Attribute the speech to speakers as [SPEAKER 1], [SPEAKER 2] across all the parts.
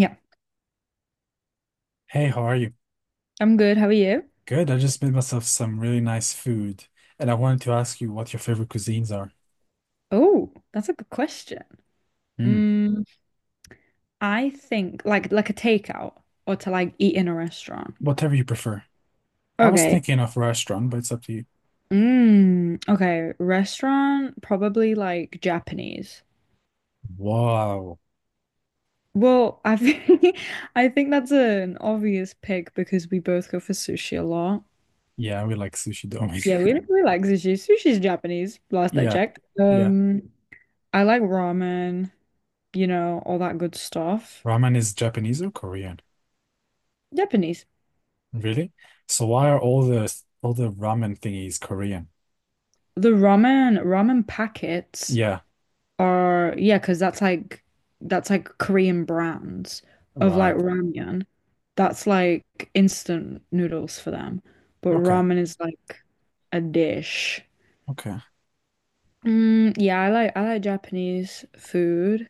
[SPEAKER 1] Yeah,
[SPEAKER 2] Hey, how are you?
[SPEAKER 1] I'm good. How are you?
[SPEAKER 2] Good. I just made myself some really nice food, and I wanted to ask you what your favorite cuisines are.
[SPEAKER 1] Oh, that's a good question.
[SPEAKER 2] Mm.
[SPEAKER 1] Mm, I think like a takeout or to like eat in a restaurant.
[SPEAKER 2] Whatever you prefer. I was
[SPEAKER 1] Okay.
[SPEAKER 2] thinking of restaurant, but it's up to you.
[SPEAKER 1] Mm, okay. Restaurant, probably like Japanese.
[SPEAKER 2] Wow.
[SPEAKER 1] Well, I think I think that's an obvious pick because we both go for sushi a lot.
[SPEAKER 2] Yeah, we like sushi, don't we?
[SPEAKER 1] Yeah, we like sushi. Sushi's Japanese, last I
[SPEAKER 2] Yeah,
[SPEAKER 1] checked.
[SPEAKER 2] yeah.
[SPEAKER 1] I like ramen, you know, all that good stuff.
[SPEAKER 2] Ramen is Japanese or Korean?
[SPEAKER 1] Japanese.
[SPEAKER 2] Really? So why are all the ramen thingies Korean?
[SPEAKER 1] The ramen packets
[SPEAKER 2] Yeah,
[SPEAKER 1] are yeah, because that's like Korean brands of like
[SPEAKER 2] right.
[SPEAKER 1] ramyun. That's like instant noodles for them. But
[SPEAKER 2] Okay,
[SPEAKER 1] ramen is like a dish.
[SPEAKER 2] okay.
[SPEAKER 1] Mm, yeah, I like Japanese food.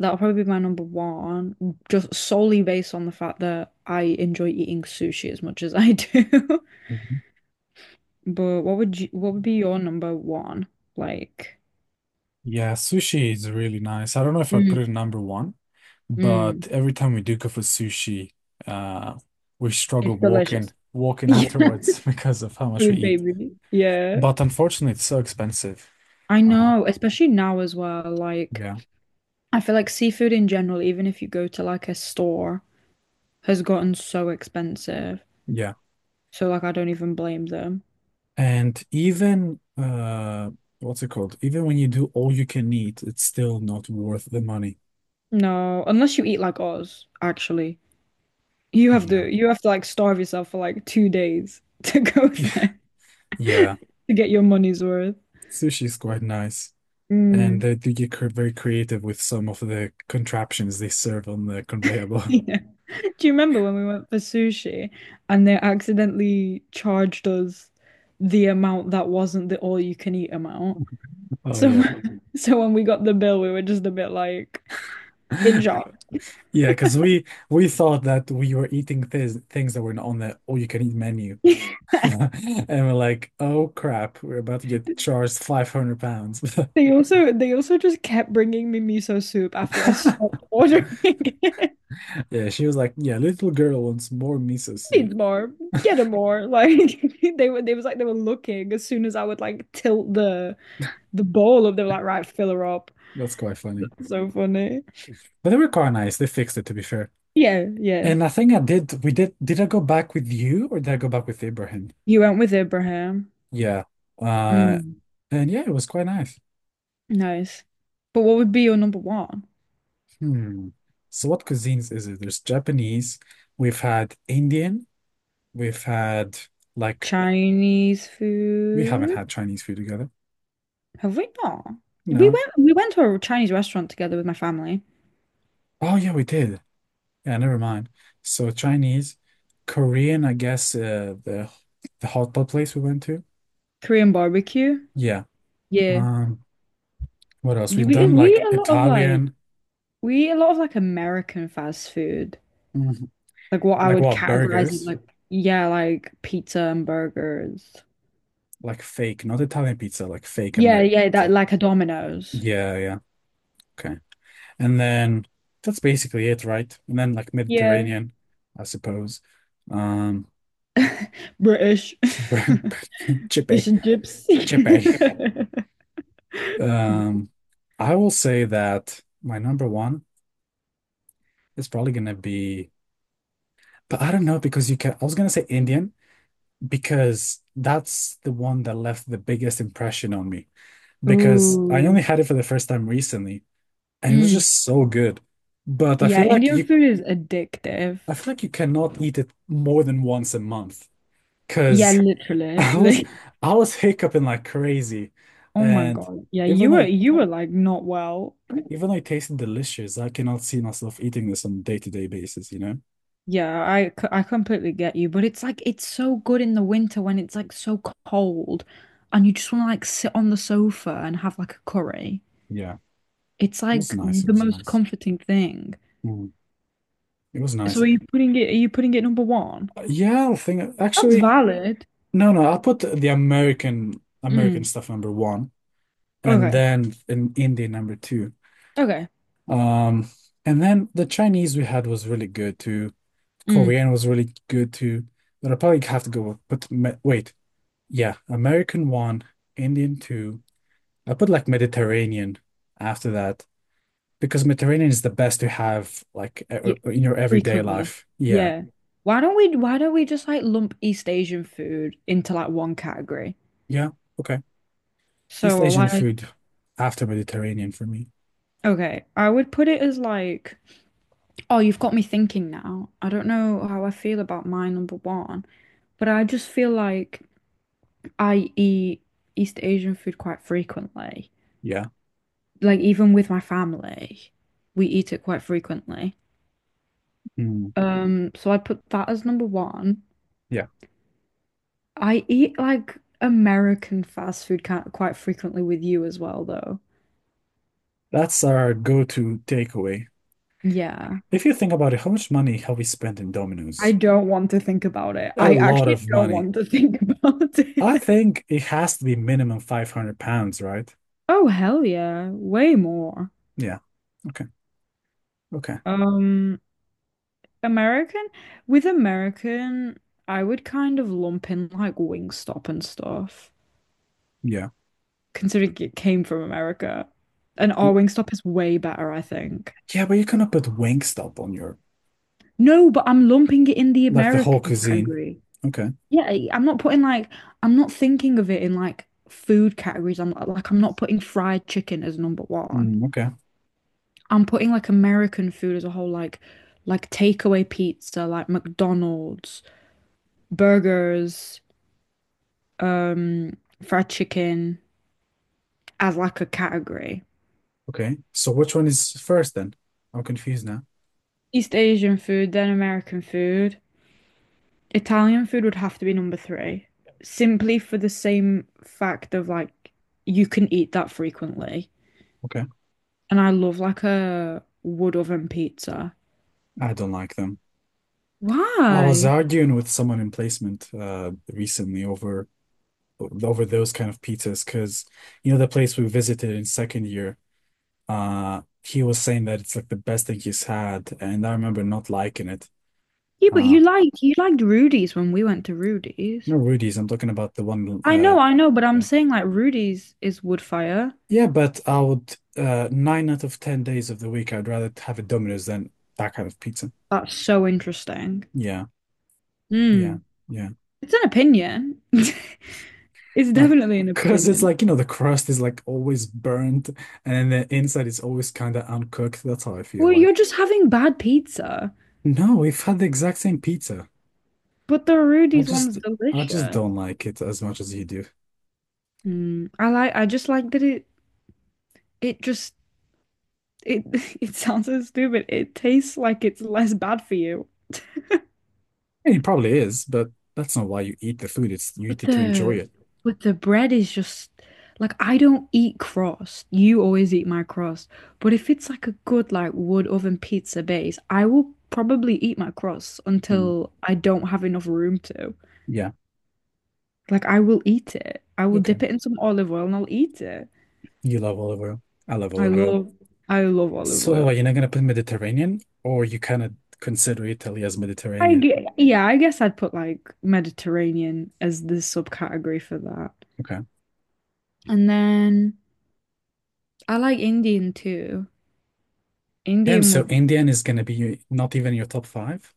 [SPEAKER 1] That'll probably be my number 1, just solely based on the fact that I enjoy eating sushi as much as I do. But what would be your number 1? Like,
[SPEAKER 2] Yeah, sushi is really nice. I don't know if I'd put
[SPEAKER 1] mm,
[SPEAKER 2] it in number one, but
[SPEAKER 1] mm.
[SPEAKER 2] every time we do go for sushi, uh, we struggle
[SPEAKER 1] It's
[SPEAKER 2] walking,
[SPEAKER 1] delicious.
[SPEAKER 2] walking
[SPEAKER 1] Yeah.
[SPEAKER 2] afterwards because of how much we
[SPEAKER 1] Food
[SPEAKER 2] eat.
[SPEAKER 1] baby. Yeah.
[SPEAKER 2] But unfortunately, it's so expensive.
[SPEAKER 1] I
[SPEAKER 2] Uh,
[SPEAKER 1] know, especially now as well. Like,
[SPEAKER 2] yeah,
[SPEAKER 1] I feel like seafood in general, even if you go to like a store, has gotten so expensive.
[SPEAKER 2] yeah.
[SPEAKER 1] So like I don't even blame them.
[SPEAKER 2] And even what's it called? Even when you do all you can eat, it's still not worth the money.
[SPEAKER 1] No, unless you eat like us, actually. You have
[SPEAKER 2] Yeah,
[SPEAKER 1] to you have to like starve yourself for like 2 days to go there
[SPEAKER 2] yeah.
[SPEAKER 1] to get your money's worth.
[SPEAKER 2] Sushi is quite nice. And
[SPEAKER 1] Mm.
[SPEAKER 2] they do get very creative with some of the contraptions they serve on the conveyor belt.
[SPEAKER 1] Yeah. Do you remember when we went for sushi and they accidentally charged us the amount that wasn't the all you can eat amount?
[SPEAKER 2] Oh
[SPEAKER 1] So
[SPEAKER 2] yeah.
[SPEAKER 1] Mhm. so when we got the bill, we were just a bit like in shock.
[SPEAKER 2] Yeah, because we thought that we were eating things that were on the all-you-can-eat menu. And we're like, oh crap, we're about to get charged 500 pounds.
[SPEAKER 1] They also just kept bringing me miso soup after I stopped ordering it.
[SPEAKER 2] Yeah, she was like, yeah, little girl wants more miso soup.
[SPEAKER 1] Needs more. Get her more. Like they were they was like they were looking as soon as I would like tilt the bowl up, they were like, right, fill her up.
[SPEAKER 2] That's quite funny.
[SPEAKER 1] So funny.
[SPEAKER 2] But they were quite nice. They fixed it to be fair.
[SPEAKER 1] Yeah, yeah.
[SPEAKER 2] And I think I did we did I go back with you or did I go back with Ibrahim?
[SPEAKER 1] You went with Abraham.
[SPEAKER 2] Yeah. Uh
[SPEAKER 1] Mm.
[SPEAKER 2] and yeah, it was quite nice.
[SPEAKER 1] Nice. But what would be your number one?
[SPEAKER 2] Hmm. So what cuisines is it? There's Japanese. We've had Indian. We've had like
[SPEAKER 1] Chinese
[SPEAKER 2] we haven't
[SPEAKER 1] food?
[SPEAKER 2] had Chinese food together.
[SPEAKER 1] Have we not? We
[SPEAKER 2] No.
[SPEAKER 1] went we went to a Chinese restaurant together with my family.
[SPEAKER 2] Oh yeah, we did. Yeah, never mind. So Chinese, Korean, I guess the hot pot place we went to.
[SPEAKER 1] Korean barbecue.
[SPEAKER 2] Yeah.
[SPEAKER 1] Yeah.
[SPEAKER 2] Um, what else?
[SPEAKER 1] You-
[SPEAKER 2] We've
[SPEAKER 1] We
[SPEAKER 2] done
[SPEAKER 1] we eat
[SPEAKER 2] like
[SPEAKER 1] a lot of like
[SPEAKER 2] Italian,
[SPEAKER 1] American fast food.
[SPEAKER 2] Mhm.
[SPEAKER 1] Like what I
[SPEAKER 2] like
[SPEAKER 1] would
[SPEAKER 2] what
[SPEAKER 1] categorize as
[SPEAKER 2] burgers,
[SPEAKER 1] like yeah, like pizza and burgers.
[SPEAKER 2] like fake, not Italian pizza, like fake
[SPEAKER 1] Yeah,
[SPEAKER 2] American
[SPEAKER 1] yeah, that
[SPEAKER 2] pizza.
[SPEAKER 1] like a Domino's.
[SPEAKER 2] Yeah, yeah. Okay. And then that's basically it, right? And then like
[SPEAKER 1] Yeah.
[SPEAKER 2] Mediterranean, I suppose. Um,
[SPEAKER 1] British. Fish
[SPEAKER 2] Chippy.
[SPEAKER 1] and chips.
[SPEAKER 2] Chippy. Um, I will say that my number one is probably gonna be, but I don't know because you can. I was gonna say Indian because that's the one that left the biggest impression on me because I only
[SPEAKER 1] Ooh.
[SPEAKER 2] had it for the first time recently and it was
[SPEAKER 1] Mm.
[SPEAKER 2] just so good. But
[SPEAKER 1] Yeah, Indian food is addictive.
[SPEAKER 2] I feel like you cannot eat it more than once a month
[SPEAKER 1] Yeah,
[SPEAKER 2] because
[SPEAKER 1] literally.
[SPEAKER 2] I was,
[SPEAKER 1] Like,
[SPEAKER 2] I was hiccuping like crazy,
[SPEAKER 1] oh my
[SPEAKER 2] and
[SPEAKER 1] God. Yeah,
[SPEAKER 2] even
[SPEAKER 1] you
[SPEAKER 2] though
[SPEAKER 1] were
[SPEAKER 2] it,
[SPEAKER 1] you were like not well.
[SPEAKER 2] even though it tasted delicious, I cannot see myself eating this on a day-to-day basis, you know?
[SPEAKER 1] Yeah, I completely get you, but it's like it's so good in the winter when it's like so cold and you just want to like sit on the sofa and have like a curry.
[SPEAKER 2] Yeah,
[SPEAKER 1] It's
[SPEAKER 2] it was
[SPEAKER 1] like
[SPEAKER 2] nice. It
[SPEAKER 1] the
[SPEAKER 2] was
[SPEAKER 1] most
[SPEAKER 2] nice.
[SPEAKER 1] comforting thing.
[SPEAKER 2] Mm, It was
[SPEAKER 1] So
[SPEAKER 2] nice.
[SPEAKER 1] are you putting it number 1?
[SPEAKER 2] Yeah, I think
[SPEAKER 1] That's
[SPEAKER 2] actually,
[SPEAKER 1] valid.
[SPEAKER 2] no, no. I'll put the American
[SPEAKER 1] Mm.
[SPEAKER 2] stuff number one, and
[SPEAKER 1] Okay.
[SPEAKER 2] then in Indian number two.
[SPEAKER 1] Okay.
[SPEAKER 2] Um, and then the Chinese we had was really good too.
[SPEAKER 1] Mm.
[SPEAKER 2] Korean was really good too. But I probably have to go with, wait, yeah, American one, Indian two. I put like Mediterranean after that because Mediterranean is the best to have like
[SPEAKER 1] Yeah,
[SPEAKER 2] in your everyday
[SPEAKER 1] frequently.
[SPEAKER 2] life. Yeah,
[SPEAKER 1] Yeah. Why don't we just like lump East Asian food into like one category?
[SPEAKER 2] yeah, okay. East
[SPEAKER 1] So
[SPEAKER 2] Asian
[SPEAKER 1] like
[SPEAKER 2] food after Mediterranean for me.
[SPEAKER 1] okay, I would put it as like oh, you've got me thinking now. I don't know how I feel about my number 1, but I just feel like I eat East Asian food quite frequently.
[SPEAKER 2] Yeah.
[SPEAKER 1] Like even with my family, we eat it quite frequently.
[SPEAKER 2] Mm,
[SPEAKER 1] So I'd put that as number 1.
[SPEAKER 2] yeah.
[SPEAKER 1] I eat like American fast food kind quite frequently with you as well, though.
[SPEAKER 2] That's our go-to takeaway.
[SPEAKER 1] Yeah.
[SPEAKER 2] If you think about it, how much money have we spent in
[SPEAKER 1] I
[SPEAKER 2] Domino's?
[SPEAKER 1] don't want to think about it.
[SPEAKER 2] A
[SPEAKER 1] I
[SPEAKER 2] lot
[SPEAKER 1] actually
[SPEAKER 2] of
[SPEAKER 1] don't
[SPEAKER 2] money.
[SPEAKER 1] want to think about
[SPEAKER 2] I
[SPEAKER 1] it.
[SPEAKER 2] think it has to be minimum 500 pounds, right?
[SPEAKER 1] Oh, hell yeah. Way more.
[SPEAKER 2] Yeah. Okay. Okay.
[SPEAKER 1] Um, American, with American, I would kind of lump in like Wingstop and stuff,
[SPEAKER 2] Yeah.
[SPEAKER 1] considering it came from America. And our
[SPEAKER 2] W-
[SPEAKER 1] Wingstop is way better, I think.
[SPEAKER 2] Yeah, but you cannot put Wingstop on your
[SPEAKER 1] No, but I'm lumping it in the
[SPEAKER 2] like the whole
[SPEAKER 1] American
[SPEAKER 2] cuisine.
[SPEAKER 1] category.
[SPEAKER 2] Okay.
[SPEAKER 1] Yeah, I'm not putting like I'm not thinking of it in like food categories. I'm like I'm not putting fried chicken as number 1.
[SPEAKER 2] Okay.
[SPEAKER 1] I'm putting like American food as a whole, like takeaway pizza, like McDonald's, burgers, um, fried chicken as like a category.
[SPEAKER 2] Okay. So which one is first then? I'm confused now.
[SPEAKER 1] East Asian food, then American food. Italian food would have to be number 3, simply for the same fact of like you can eat that frequently.
[SPEAKER 2] Okay.
[SPEAKER 1] And I love like a wood oven pizza.
[SPEAKER 2] I don't like them. I was
[SPEAKER 1] Why?
[SPEAKER 2] arguing with someone in placement recently over those kind of pizzas because you know the place we visited in second year. He was saying that it's like the best thing he's had, and I remember not liking it.
[SPEAKER 1] Yeah, but
[SPEAKER 2] Uh,
[SPEAKER 1] you liked Rudy's when we went to Rudy's.
[SPEAKER 2] no Rudy's. I'm talking about the one. Uh,
[SPEAKER 1] I know, but I'm
[SPEAKER 2] yeah,
[SPEAKER 1] saying like Rudy's is wood fire.
[SPEAKER 2] yeah. But I would nine out of ten days of the week, I'd rather have a Domino's than that kind of pizza.
[SPEAKER 1] That's so interesting.
[SPEAKER 2] Yeah,
[SPEAKER 1] Hmm.
[SPEAKER 2] yeah, yeah.
[SPEAKER 1] It's an opinion. It's definitely an
[SPEAKER 2] Because it's
[SPEAKER 1] opinion.
[SPEAKER 2] like, the crust is like always burnt and then the inside is always kind of uncooked. That's how I feel
[SPEAKER 1] Well, you're
[SPEAKER 2] like.
[SPEAKER 1] just having bad pizza,
[SPEAKER 2] No, we've had the exact same pizza.
[SPEAKER 1] but the
[SPEAKER 2] I
[SPEAKER 1] Rudy's one's
[SPEAKER 2] just I just
[SPEAKER 1] delicious.
[SPEAKER 2] don't like it as much as you do.
[SPEAKER 1] Hmm. I just like that it just it it sounds so stupid. It tastes like it's less bad for you.
[SPEAKER 2] And it probably is, but that's not why you eat the food. It's you
[SPEAKER 1] But
[SPEAKER 2] eat it to enjoy
[SPEAKER 1] the
[SPEAKER 2] it.
[SPEAKER 1] but the bread is just like I don't eat crust. You always eat my crust. But if it's like a good like wood oven pizza base, I will probably eat my crust
[SPEAKER 2] Mm.
[SPEAKER 1] until I don't have enough room to.
[SPEAKER 2] Yeah.
[SPEAKER 1] Like I will eat it. I will
[SPEAKER 2] Okay.
[SPEAKER 1] dip it in some olive oil and I'll eat it.
[SPEAKER 2] You love olive oil. I love
[SPEAKER 1] I
[SPEAKER 2] olive oil.
[SPEAKER 1] love I love olive
[SPEAKER 2] So are
[SPEAKER 1] oil.
[SPEAKER 2] you not gonna put Mediterranean or you kind of consider Italy as Mediterranean?
[SPEAKER 1] Yeah, I guess I'd put like Mediterranean as the subcategory for that.
[SPEAKER 2] Okay.
[SPEAKER 1] And then I like Indian too.
[SPEAKER 2] Damn,
[SPEAKER 1] Indian
[SPEAKER 2] so
[SPEAKER 1] would
[SPEAKER 2] Indian is gonna be not even your top five?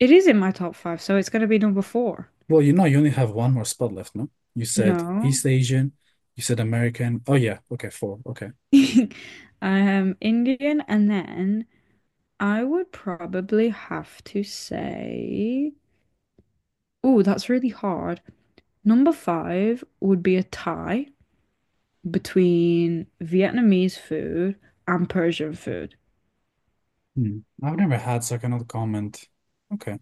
[SPEAKER 1] It is in my top 5, so it's gonna be number 4.
[SPEAKER 2] Well, you only have one more spot left, no? You said
[SPEAKER 1] No.
[SPEAKER 2] East Asian, you said American. Oh, yeah. Okay, four. Okay.
[SPEAKER 1] Indian, and then I would probably have to say, oh, that's really hard. Number 5 would be a tie between Vietnamese food and Persian food.
[SPEAKER 2] Hmm. I've never had, so I cannot comment. Okay.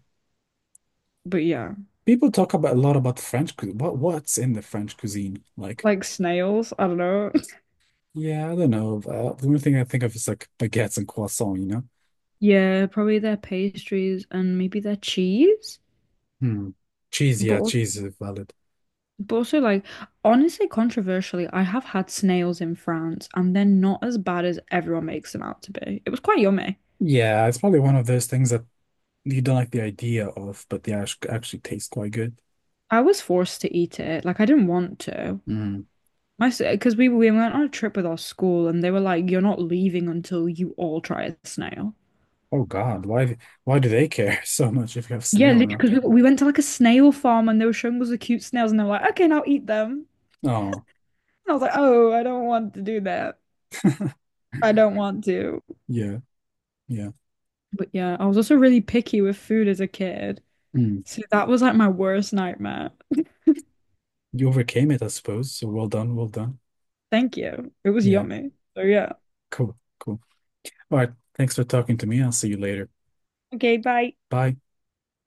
[SPEAKER 1] But yeah,
[SPEAKER 2] People talk about a lot about French cuisine. What's in the French cuisine? Like,
[SPEAKER 1] like snails, I don't know.
[SPEAKER 2] yeah, I don't know. The only thing I think of is like baguettes and croissant, you know?
[SPEAKER 1] Yeah, probably their pastries and maybe their cheese,
[SPEAKER 2] Hmm. Cheese, yeah,
[SPEAKER 1] but
[SPEAKER 2] cheese is valid.
[SPEAKER 1] but also, like, honestly, controversially, I have had snails in France and they're not as bad as everyone makes them out to be. It was quite yummy.
[SPEAKER 2] Yeah, it's probably one of those things that you don't like the idea of, but they actually taste quite good.
[SPEAKER 1] I was forced to eat it. Like, I didn't want to.
[SPEAKER 2] Hmm.
[SPEAKER 1] My, because we went on a trip with our school and they were like, you're not leaving until you all try a snail.
[SPEAKER 2] Oh God, why do they care so much if you have
[SPEAKER 1] Yeah,
[SPEAKER 2] snail or not?
[SPEAKER 1] because we went to like a snail farm and they were showing us the cute snails and they were like, okay, now eat them. And
[SPEAKER 2] Oh.
[SPEAKER 1] I was like, oh, I don't want to do that. I don't want to.
[SPEAKER 2] Yeah, yeah.
[SPEAKER 1] But yeah, I was also really picky with food as a kid.
[SPEAKER 2] Mm.
[SPEAKER 1] So that was like my worst nightmare.
[SPEAKER 2] You overcame it, I suppose. So well done, well done.
[SPEAKER 1] Thank you. It was
[SPEAKER 2] Yeah,
[SPEAKER 1] yummy. So yeah.
[SPEAKER 2] cool, cool. All right. Thanks for talking to me. I'll see you later.
[SPEAKER 1] Okay, bye.
[SPEAKER 2] Bye.